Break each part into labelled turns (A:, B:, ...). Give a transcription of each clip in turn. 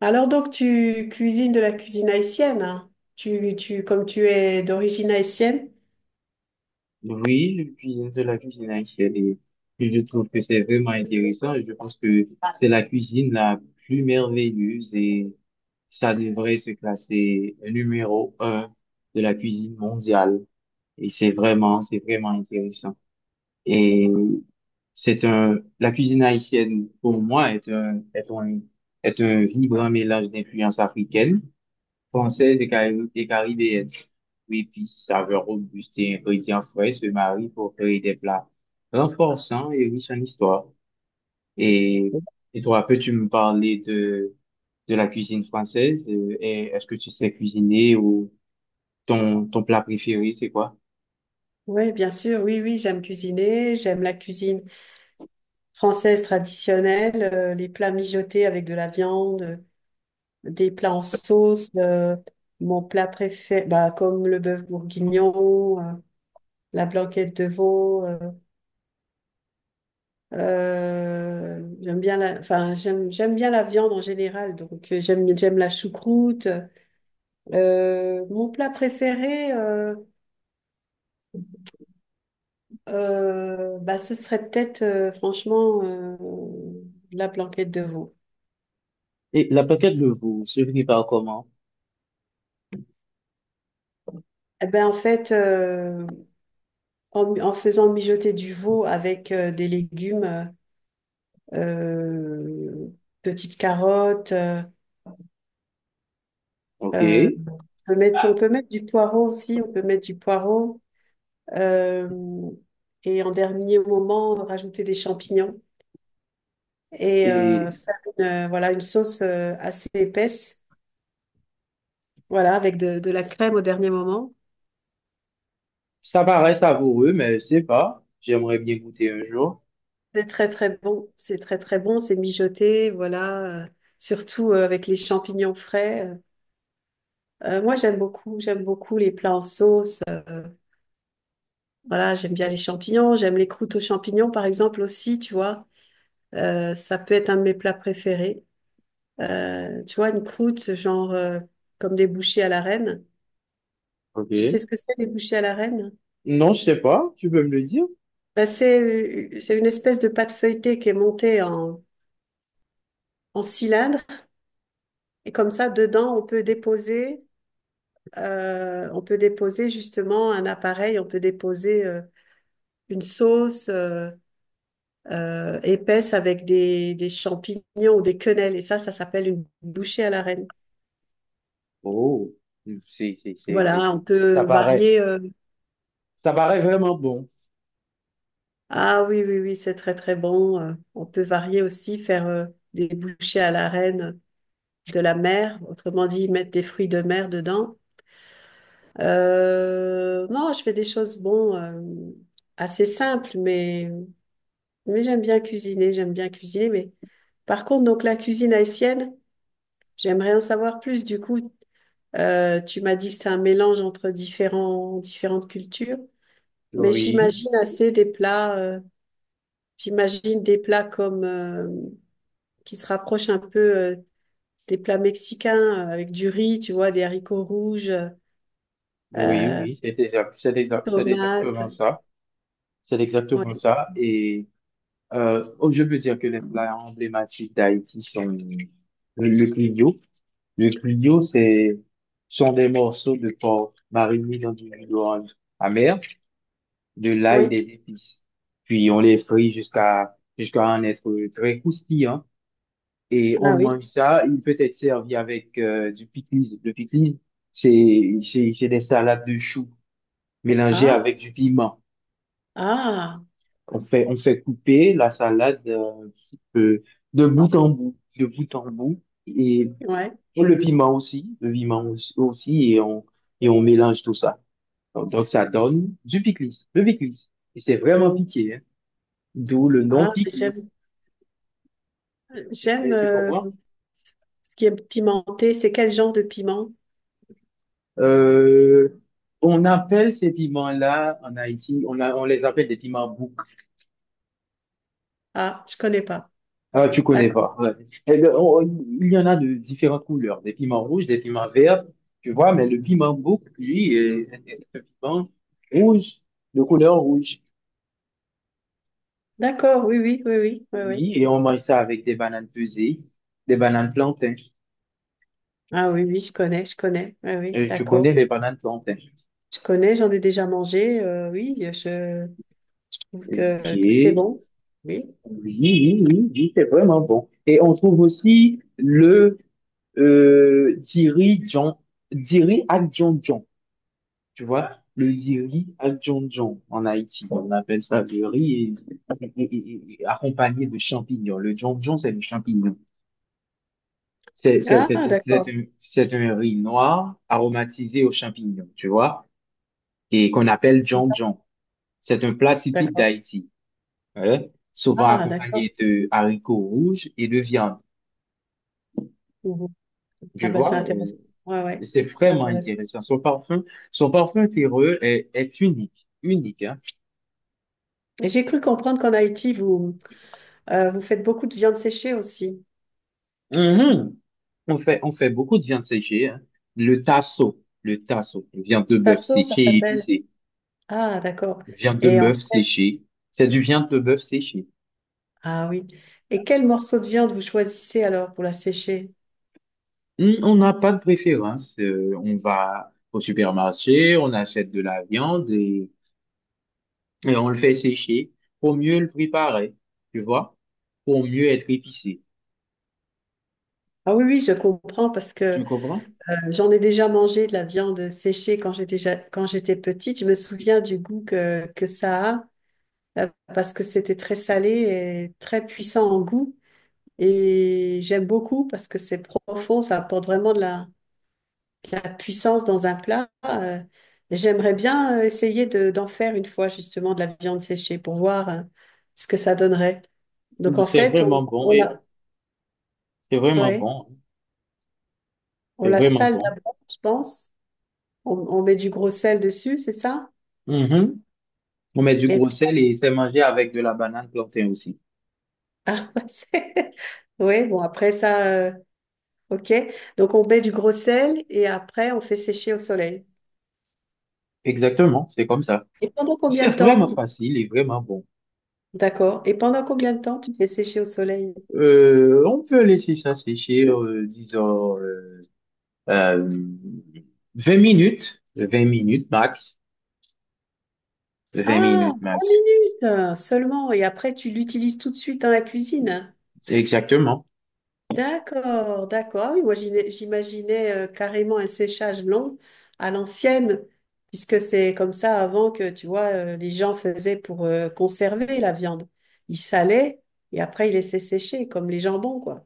A: Alors donc tu cuisines de la cuisine haïtienne, hein. Comme tu es d'origine haïtienne?
B: Oui, le cuisine de la cuisine haïtienne, et je trouve que c'est vraiment intéressant. Je pense que c'est la cuisine la plus merveilleuse et ça devrait se classer numéro un de la cuisine mondiale. Et c'est vraiment intéressant. Et c'est un, la cuisine haïtienne, pour moi, est un, est un, est un vibrant mélange d'influences africaines française et et caribéenne. Oui, puis saveur robuste et ingrédients frais se marient pour créer des plats renforçants et riches en histoire. Et, et toi, peux-tu me parler de la cuisine française? Et est-ce que tu sais cuisiner ou ton plat préféré, c'est quoi?
A: Oui, bien sûr, oui, oui, j'aime cuisiner, j'aime la cuisine française traditionnelle, les plats mijotés avec de la viande, des plats en sauce, mon plat préféré, bah, comme le bœuf bourguignon, la blanquette de veau, j'aime bien la, enfin, j'aime bien la viande en général, donc j'aime la choucroute. Mon plat préféré, bah, ce serait peut-être franchement la blanquette de veau.
B: Et la plaquette de veau se prépare comment?
A: Eh ben, en fait, en faisant mijoter du veau avec des légumes, euh, petites carottes,
B: OK.
A: euh, on peut mettre du poireau aussi, on peut mettre du poireau. euh, et en dernier moment, rajouter des champignons et
B: Et
A: faire voilà, une sauce assez épaisse. Voilà, avec de la crème au dernier moment.
B: ça paraît savoureux, mais je sais pas. J'aimerais bien goûter un jour.
A: C'est très très bon. C'est très très bon. C'est mijoté, voilà. Surtout avec les champignons frais. Moi, j'aime beaucoup. J'aime beaucoup les plats en sauce. Voilà, j'aime bien les champignons. J'aime les croûtes aux champignons, par exemple, aussi, tu vois. Ça peut être un de mes plats préférés. Tu vois, une croûte, genre comme des bouchées à la reine. Tu sais
B: OK.
A: ce que c'est, les bouchées à la reine?
B: Non, je sais pas. Tu peux me le dire?
A: Ben, c'est une espèce de pâte feuilletée qui est montée en cylindre. Et comme ça, dedans, on peut déposer justement un appareil, on peut déposer une sauce épaisse avec des champignons ou des quenelles. Et ça s'appelle une bouchée à la reine.
B: Oh, si, si, si, si.
A: Voilà, on
B: Ça
A: peut
B: paraît,
A: varier.
B: ça paraît vraiment bon.
A: Ah oui, oui, oui, c'est très, très bon. On peut varier aussi, faire des bouchées à la reine de la mer. Autrement dit, mettre des fruits de mer dedans. Non, je fais des choses, bon, assez simples, mais... Mais j'aime bien cuisiner, j'aime bien cuisiner. Mais par contre, donc la cuisine haïtienne, j'aimerais en savoir plus. Du coup, tu m'as dit que c'est un mélange entre différentes cultures, mais
B: Oui,
A: j'imagine assez des plats, j'imagine des plats comme qui se rapprochent un peu des plats mexicains avec du riz, tu vois, des haricots rouges,
B: oui,
A: euh,
B: oui, c'est exact, c'est exact, c'est exactement
A: tomates.
B: ça. C'est
A: Oui,
B: exactement ça. Et oh, je peux dire que les plats emblématiques d'Haïti sont le clignot. Le clignot, c'est, sont des morceaux de porc marinés dans du jus d'orange amer, de l'ail et
A: oui.
B: des épices. Puis on les frit jusqu'à en être très croustillant et on
A: Ah oui.
B: mange ça. Il peut être servi avec du pickles. Le pickles, c'est des salades de choux mélangées
A: Ah,
B: avec du piment.
A: ah,
B: On fait couper la salade un petit peu de bout en bout, de bout en bout
A: ouais.
B: et le piment aussi, aussi, et on mélange tout ça. Donc, ça donne du pickles, le pickles. Et c'est vraiment piqué, hein. D'où le nom
A: Ah,
B: pickles.
A: j'aime, j'aime.
B: Eh, tu comprends?
A: Ce qui est pimenté, c'est quel genre de piment?
B: Euh, on appelle ces piments-là en Haïti, on les appelle des piments bouc.
A: Ah, je connais pas.
B: Ah, tu connais
A: D'accord.
B: pas. Ouais. Et il y en a de différentes couleurs, des piments rouges, des piments verts, tu vois, mais le piment bouc, lui, est, est un piment rouge, de couleur rouge.
A: D'accord, oui, oui, oui, oui, oui, oui.
B: Oui, et on mange ça avec des bananes pesées, des bananes plantains.
A: Ah oui, oui, je connais, je connais. Oui, oui,
B: Et tu
A: d'accord.
B: connais les bananes plantains.
A: Je connais, j'en ai déjà mangé. Oui, je trouve
B: Ok.
A: que c'est
B: Oui,
A: bon. Oui.
B: oui, oui, oui, c'est vraiment bon. Et on trouve aussi le Diri Djon, Diri Adjondjon, tu vois, le Diri Adjondjon en Haïti, on appelle ça le riz et accompagné de champignons. Le Djondjon, c'est le champignon. C'est c'est-
A: Ah,
B: c'est- c'est- c'est
A: d'accord.
B: un c'est un riz noir aromatisé aux champignons, tu vois, et qu'on appelle Djondjon. C'est un plat typique
A: D'accord.
B: d'Haïti, ouais, souvent
A: Ah, d'accord.
B: accompagné de haricots rouges et de viande,
A: Mhm.
B: tu
A: Ah ben, c'est
B: vois.
A: intéressant. Ouais, ouais,
B: C'est
A: c'est
B: vraiment
A: intéressant.
B: intéressant. Son parfum terreux est, est unique, unique, hein.
A: Et j'ai cru comprendre qu'en Haïti, vous, vous faites beaucoup de viande séchée aussi.
B: Mhm. On fait beaucoup de viande séchée, hein. Le tasso, viande de bœuf
A: Tasso, ça
B: séchée et
A: s'appelle.
B: épicée.
A: Ah, d'accord.
B: Viande de
A: Et en
B: bœuf
A: fait,
B: séchée, c'est du viande de bœuf séchée.
A: ah oui. Et quel morceau de viande vous choisissez alors pour la sécher?
B: On n'a pas de préférence. On va au supermarché, on achète de la viande et on le fait sécher pour mieux le préparer, tu vois, pour mieux être épicé.
A: Ah oui, oui, je comprends parce que
B: Tu comprends?
A: j'en ai déjà mangé de la viande séchée quand quand j'étais petite. Je me souviens du goût que ça a euh, parce que c'était très salé et très puissant en goût. Et j'aime beaucoup parce que c'est profond, ça apporte vraiment de de la puissance dans un plat. J'aimerais bien essayer d'en faire une fois justement de la viande séchée pour voir ce que ça donnerait. Donc en
B: C'est
A: fait,
B: vraiment bon
A: on,
B: et c'est vraiment
A: ouais.
B: bon.
A: On
B: C'est
A: la
B: vraiment
A: sale
B: bon.
A: d'abord, je pense. On met du gros sel dessus, c'est ça?
B: Mhm. On met du
A: Et
B: gros
A: puis,
B: sel et c'est mangé avec de la banane plantain aussi.
A: ah, bah, ouais, bon, après ça, ok. Donc, on met du gros sel et après, on fait sécher au soleil.
B: Exactement, c'est comme ça.
A: Et pendant
B: C'est
A: combien de
B: vraiment
A: temps?
B: facile et vraiment bon.
A: D'accord. Et pendant combien de temps tu fais sécher au soleil?
B: On peut laisser ça sécher, disons, euh, 20 minutes, 20 minutes max, 20
A: Ah,
B: minutes
A: 20
B: max.
A: minutes seulement. Et après, tu l'utilises tout de suite dans la cuisine.
B: Exactement.
A: D'accord, d'accord. Ah oui, moi j'imaginais carrément un séchage long à l'ancienne, puisque c'est comme ça avant que, tu vois, les gens faisaient pour conserver la viande. Ils salaient et après ils laissaient sécher, comme les jambons, quoi.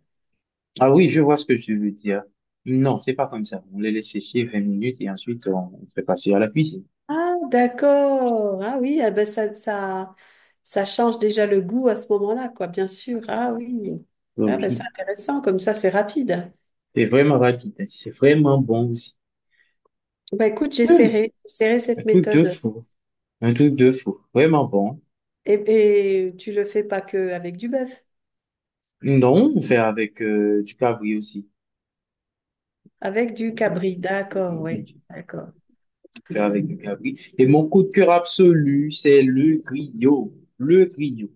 B: Ah oui, je vois ce que tu veux dire. Non, c'est pas comme ça. On les laisse sécher 20 minutes et ensuite on fait passer à la cuisine.
A: Ah, d'accord. Ah oui, ah ben ça change déjà le goût à ce moment-là, quoi, bien sûr. Ah oui. Ah
B: Oui.
A: ben c'est
B: Oui.
A: intéressant, comme ça c'est rapide.
B: C'est vraiment rapide, hein. C'est vraiment bon aussi.
A: Ben écoute,
B: Hum,
A: j'essaierai, j'essaierai
B: Un
A: cette
B: truc de
A: méthode.
B: fou. Un truc de fou. Vraiment bon.
A: Et tu le fais pas que avec du bœuf.
B: Non, on fait avec du cabri aussi.
A: Avec du cabri, d'accord,
B: On
A: oui, d'accord.
B: fait avec du cabri. Et mon coup de cœur absolu, c'est le griot. Le griot.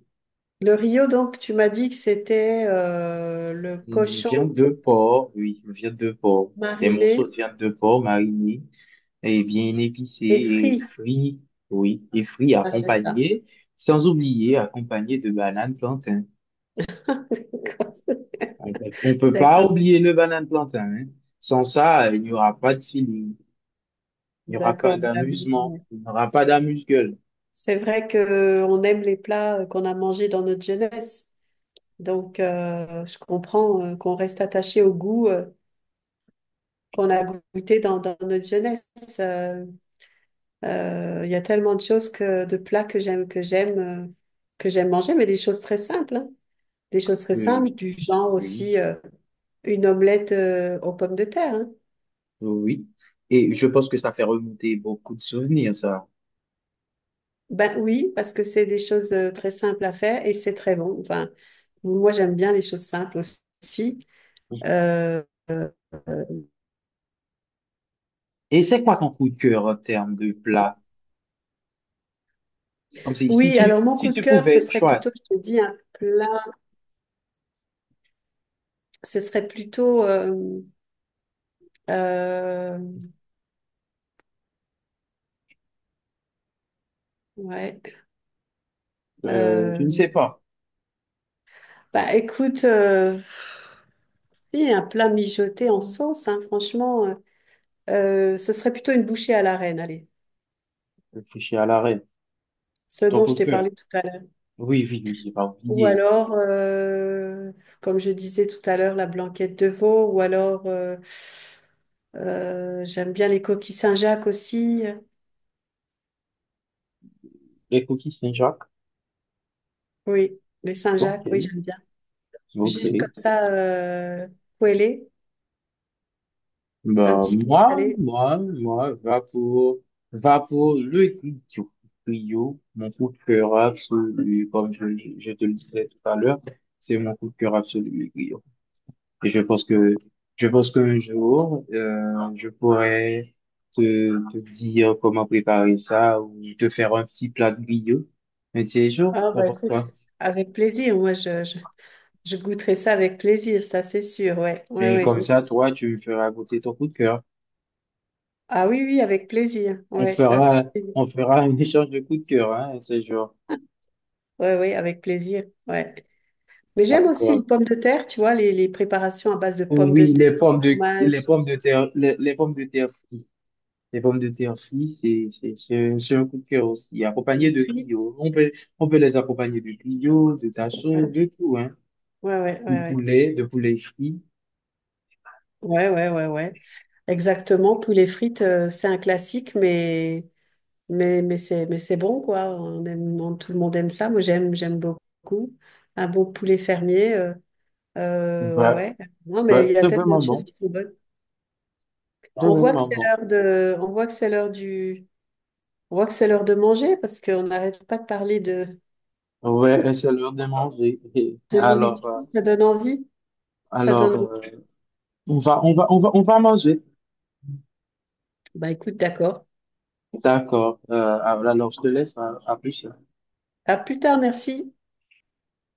A: Le Rio, donc, tu m'as dit que c'était le
B: Une
A: cochon
B: viande de porc, oui, une viande de porc. Des
A: mariné
B: morceaux de viande de porc marinés et bien épicés
A: et
B: et
A: frit.
B: frits, oui, et frits
A: Ah, c'est ça.
B: accompagnés, sans oublier accompagnés de bananes plantains.
A: D'accord,
B: On peut pas
A: d'accord.
B: oublier le banane plantain, hein. Sans ça, il n'y aura pas de feeling, il n'y aura pas
A: D'accord. Ah oui,
B: d'amusement,
A: oui.
B: il n'y aura pas d'amuse-gueule.
A: C'est vrai que on aime les plats qu'on a mangés dans notre jeunesse. Donc, je comprends qu'on reste attaché au goût qu'on a goûté dans notre jeunesse. Euh, Il y a tellement de choses de plats que j'aime, que j'aime manger, mais des choses très simples, hein. Des choses très
B: Euh,
A: simples, du genre aussi
B: oui,
A: une omelette aux pommes de terre, hein.
B: oui. Et je pense que ça fait remonter beaucoup de souvenirs, ça.
A: Ben oui, parce que c'est des choses très simples à faire et c'est très bon. Enfin, moi j'aime bien les choses simples aussi. Euh,
B: Et c'est quoi ton coup de cœur en termes de plat? Comme si, si
A: oui, alors
B: tu,
A: mon
B: si
A: coup de
B: tu
A: cœur, ce
B: pouvais
A: serait
B: choisir,
A: plutôt, je te dis, un plat, ce serait plutôt, euh, ouais,
B: je ne
A: euh,
B: sais pas,
A: bah écoute. Si, un plat mijoté en sauce, hein, franchement, ce serait plutôt une bouchée à l'arène, allez,
B: réfléchir à l'arrêt,
A: ce
B: ton
A: dont
B: coup
A: je
B: de
A: t'ai
B: cœur.
A: parlé tout à l'heure.
B: Oui, oui, oui, j'ai pas
A: Ou
B: oublié.
A: alors, comme je disais tout à l'heure, la blanquette de veau, ou alors, j'aime bien les coquilles Saint-Jacques aussi.
B: Les cookies Saint-Jacques.
A: Oui, les
B: Ok,
A: Saint-Jacques, oui, j'aime bien. Juste comme
B: ok.
A: ça, poêlé, un
B: Bah,
A: petit peu
B: moi,
A: salé.
B: moi, moi, va pour le trio, trio, mon coup de cœur absolu, comme je te le disais tout à l'heure, c'est mon coup de cœur absolu, le trio. Et je pense qu'un jour, je pourrais te, te dire comment préparer ça ou te faire un petit plat de griot. Un petit jour,
A: Ah,
B: t'en
A: bah
B: penses
A: écoute,
B: quoi?
A: avec plaisir, moi, je goûterai ça avec plaisir, ça c'est sûr, ouais, ouais,
B: Et
A: ouais.
B: comme ça, toi, tu me feras goûter ton coup de cœur.
A: Ah oui, oui, avec plaisir.
B: On
A: Ouais, avec
B: fera,
A: plaisir.
B: on fera un échange de coup de cœur, hein, un de ces jours.
A: Ouais, ouais, avec plaisir. Ouais. Mais j'aime aussi les pommes de terre, tu vois, les préparations à base de pommes de
B: Oui,
A: terre,
B: les
A: fromage,
B: pommes de terre, les pommes de terre frites. Les pommes de terre frites, c'est un coup de cœur aussi, accompagné de
A: frites.
B: griots. On peut les accompagner de griots, de tachons,
A: Ouais,
B: de tout, hein.
A: ouais, ouais,
B: Du
A: ouais.
B: poulet, de poulet frit.
A: Ouais, ouais, ouais, ouais. Ouais. Exactement. Poulet frites, c'est un classique, mais c'est bon, quoi. On aime, tout le monde aime ça. Moi, j'aime beaucoup. Un bon poulet fermier. Ouais,
B: Ouais,
A: ouais. Non, mais
B: ouais,
A: il y a
B: c'est
A: tellement
B: vraiment
A: de choses
B: bon.
A: qui sont bonnes.
B: C'est
A: On voit que
B: vraiment
A: c'est
B: bon.
A: l'heure de, on voit que c'est l'heure du, On voit que c'est l'heure de manger parce qu'on n'arrête pas de parler
B: Ouais, et c'est l'heure de manger.
A: de
B: Alors,
A: nourriture.
B: euh,
A: Ça donne envie. Ça
B: alors,
A: donne
B: euh,
A: envie.
B: on va manger.
A: Bah écoute, d'accord.
B: D'accord. Alors, je te laisse à plus.
A: À plus tard, merci.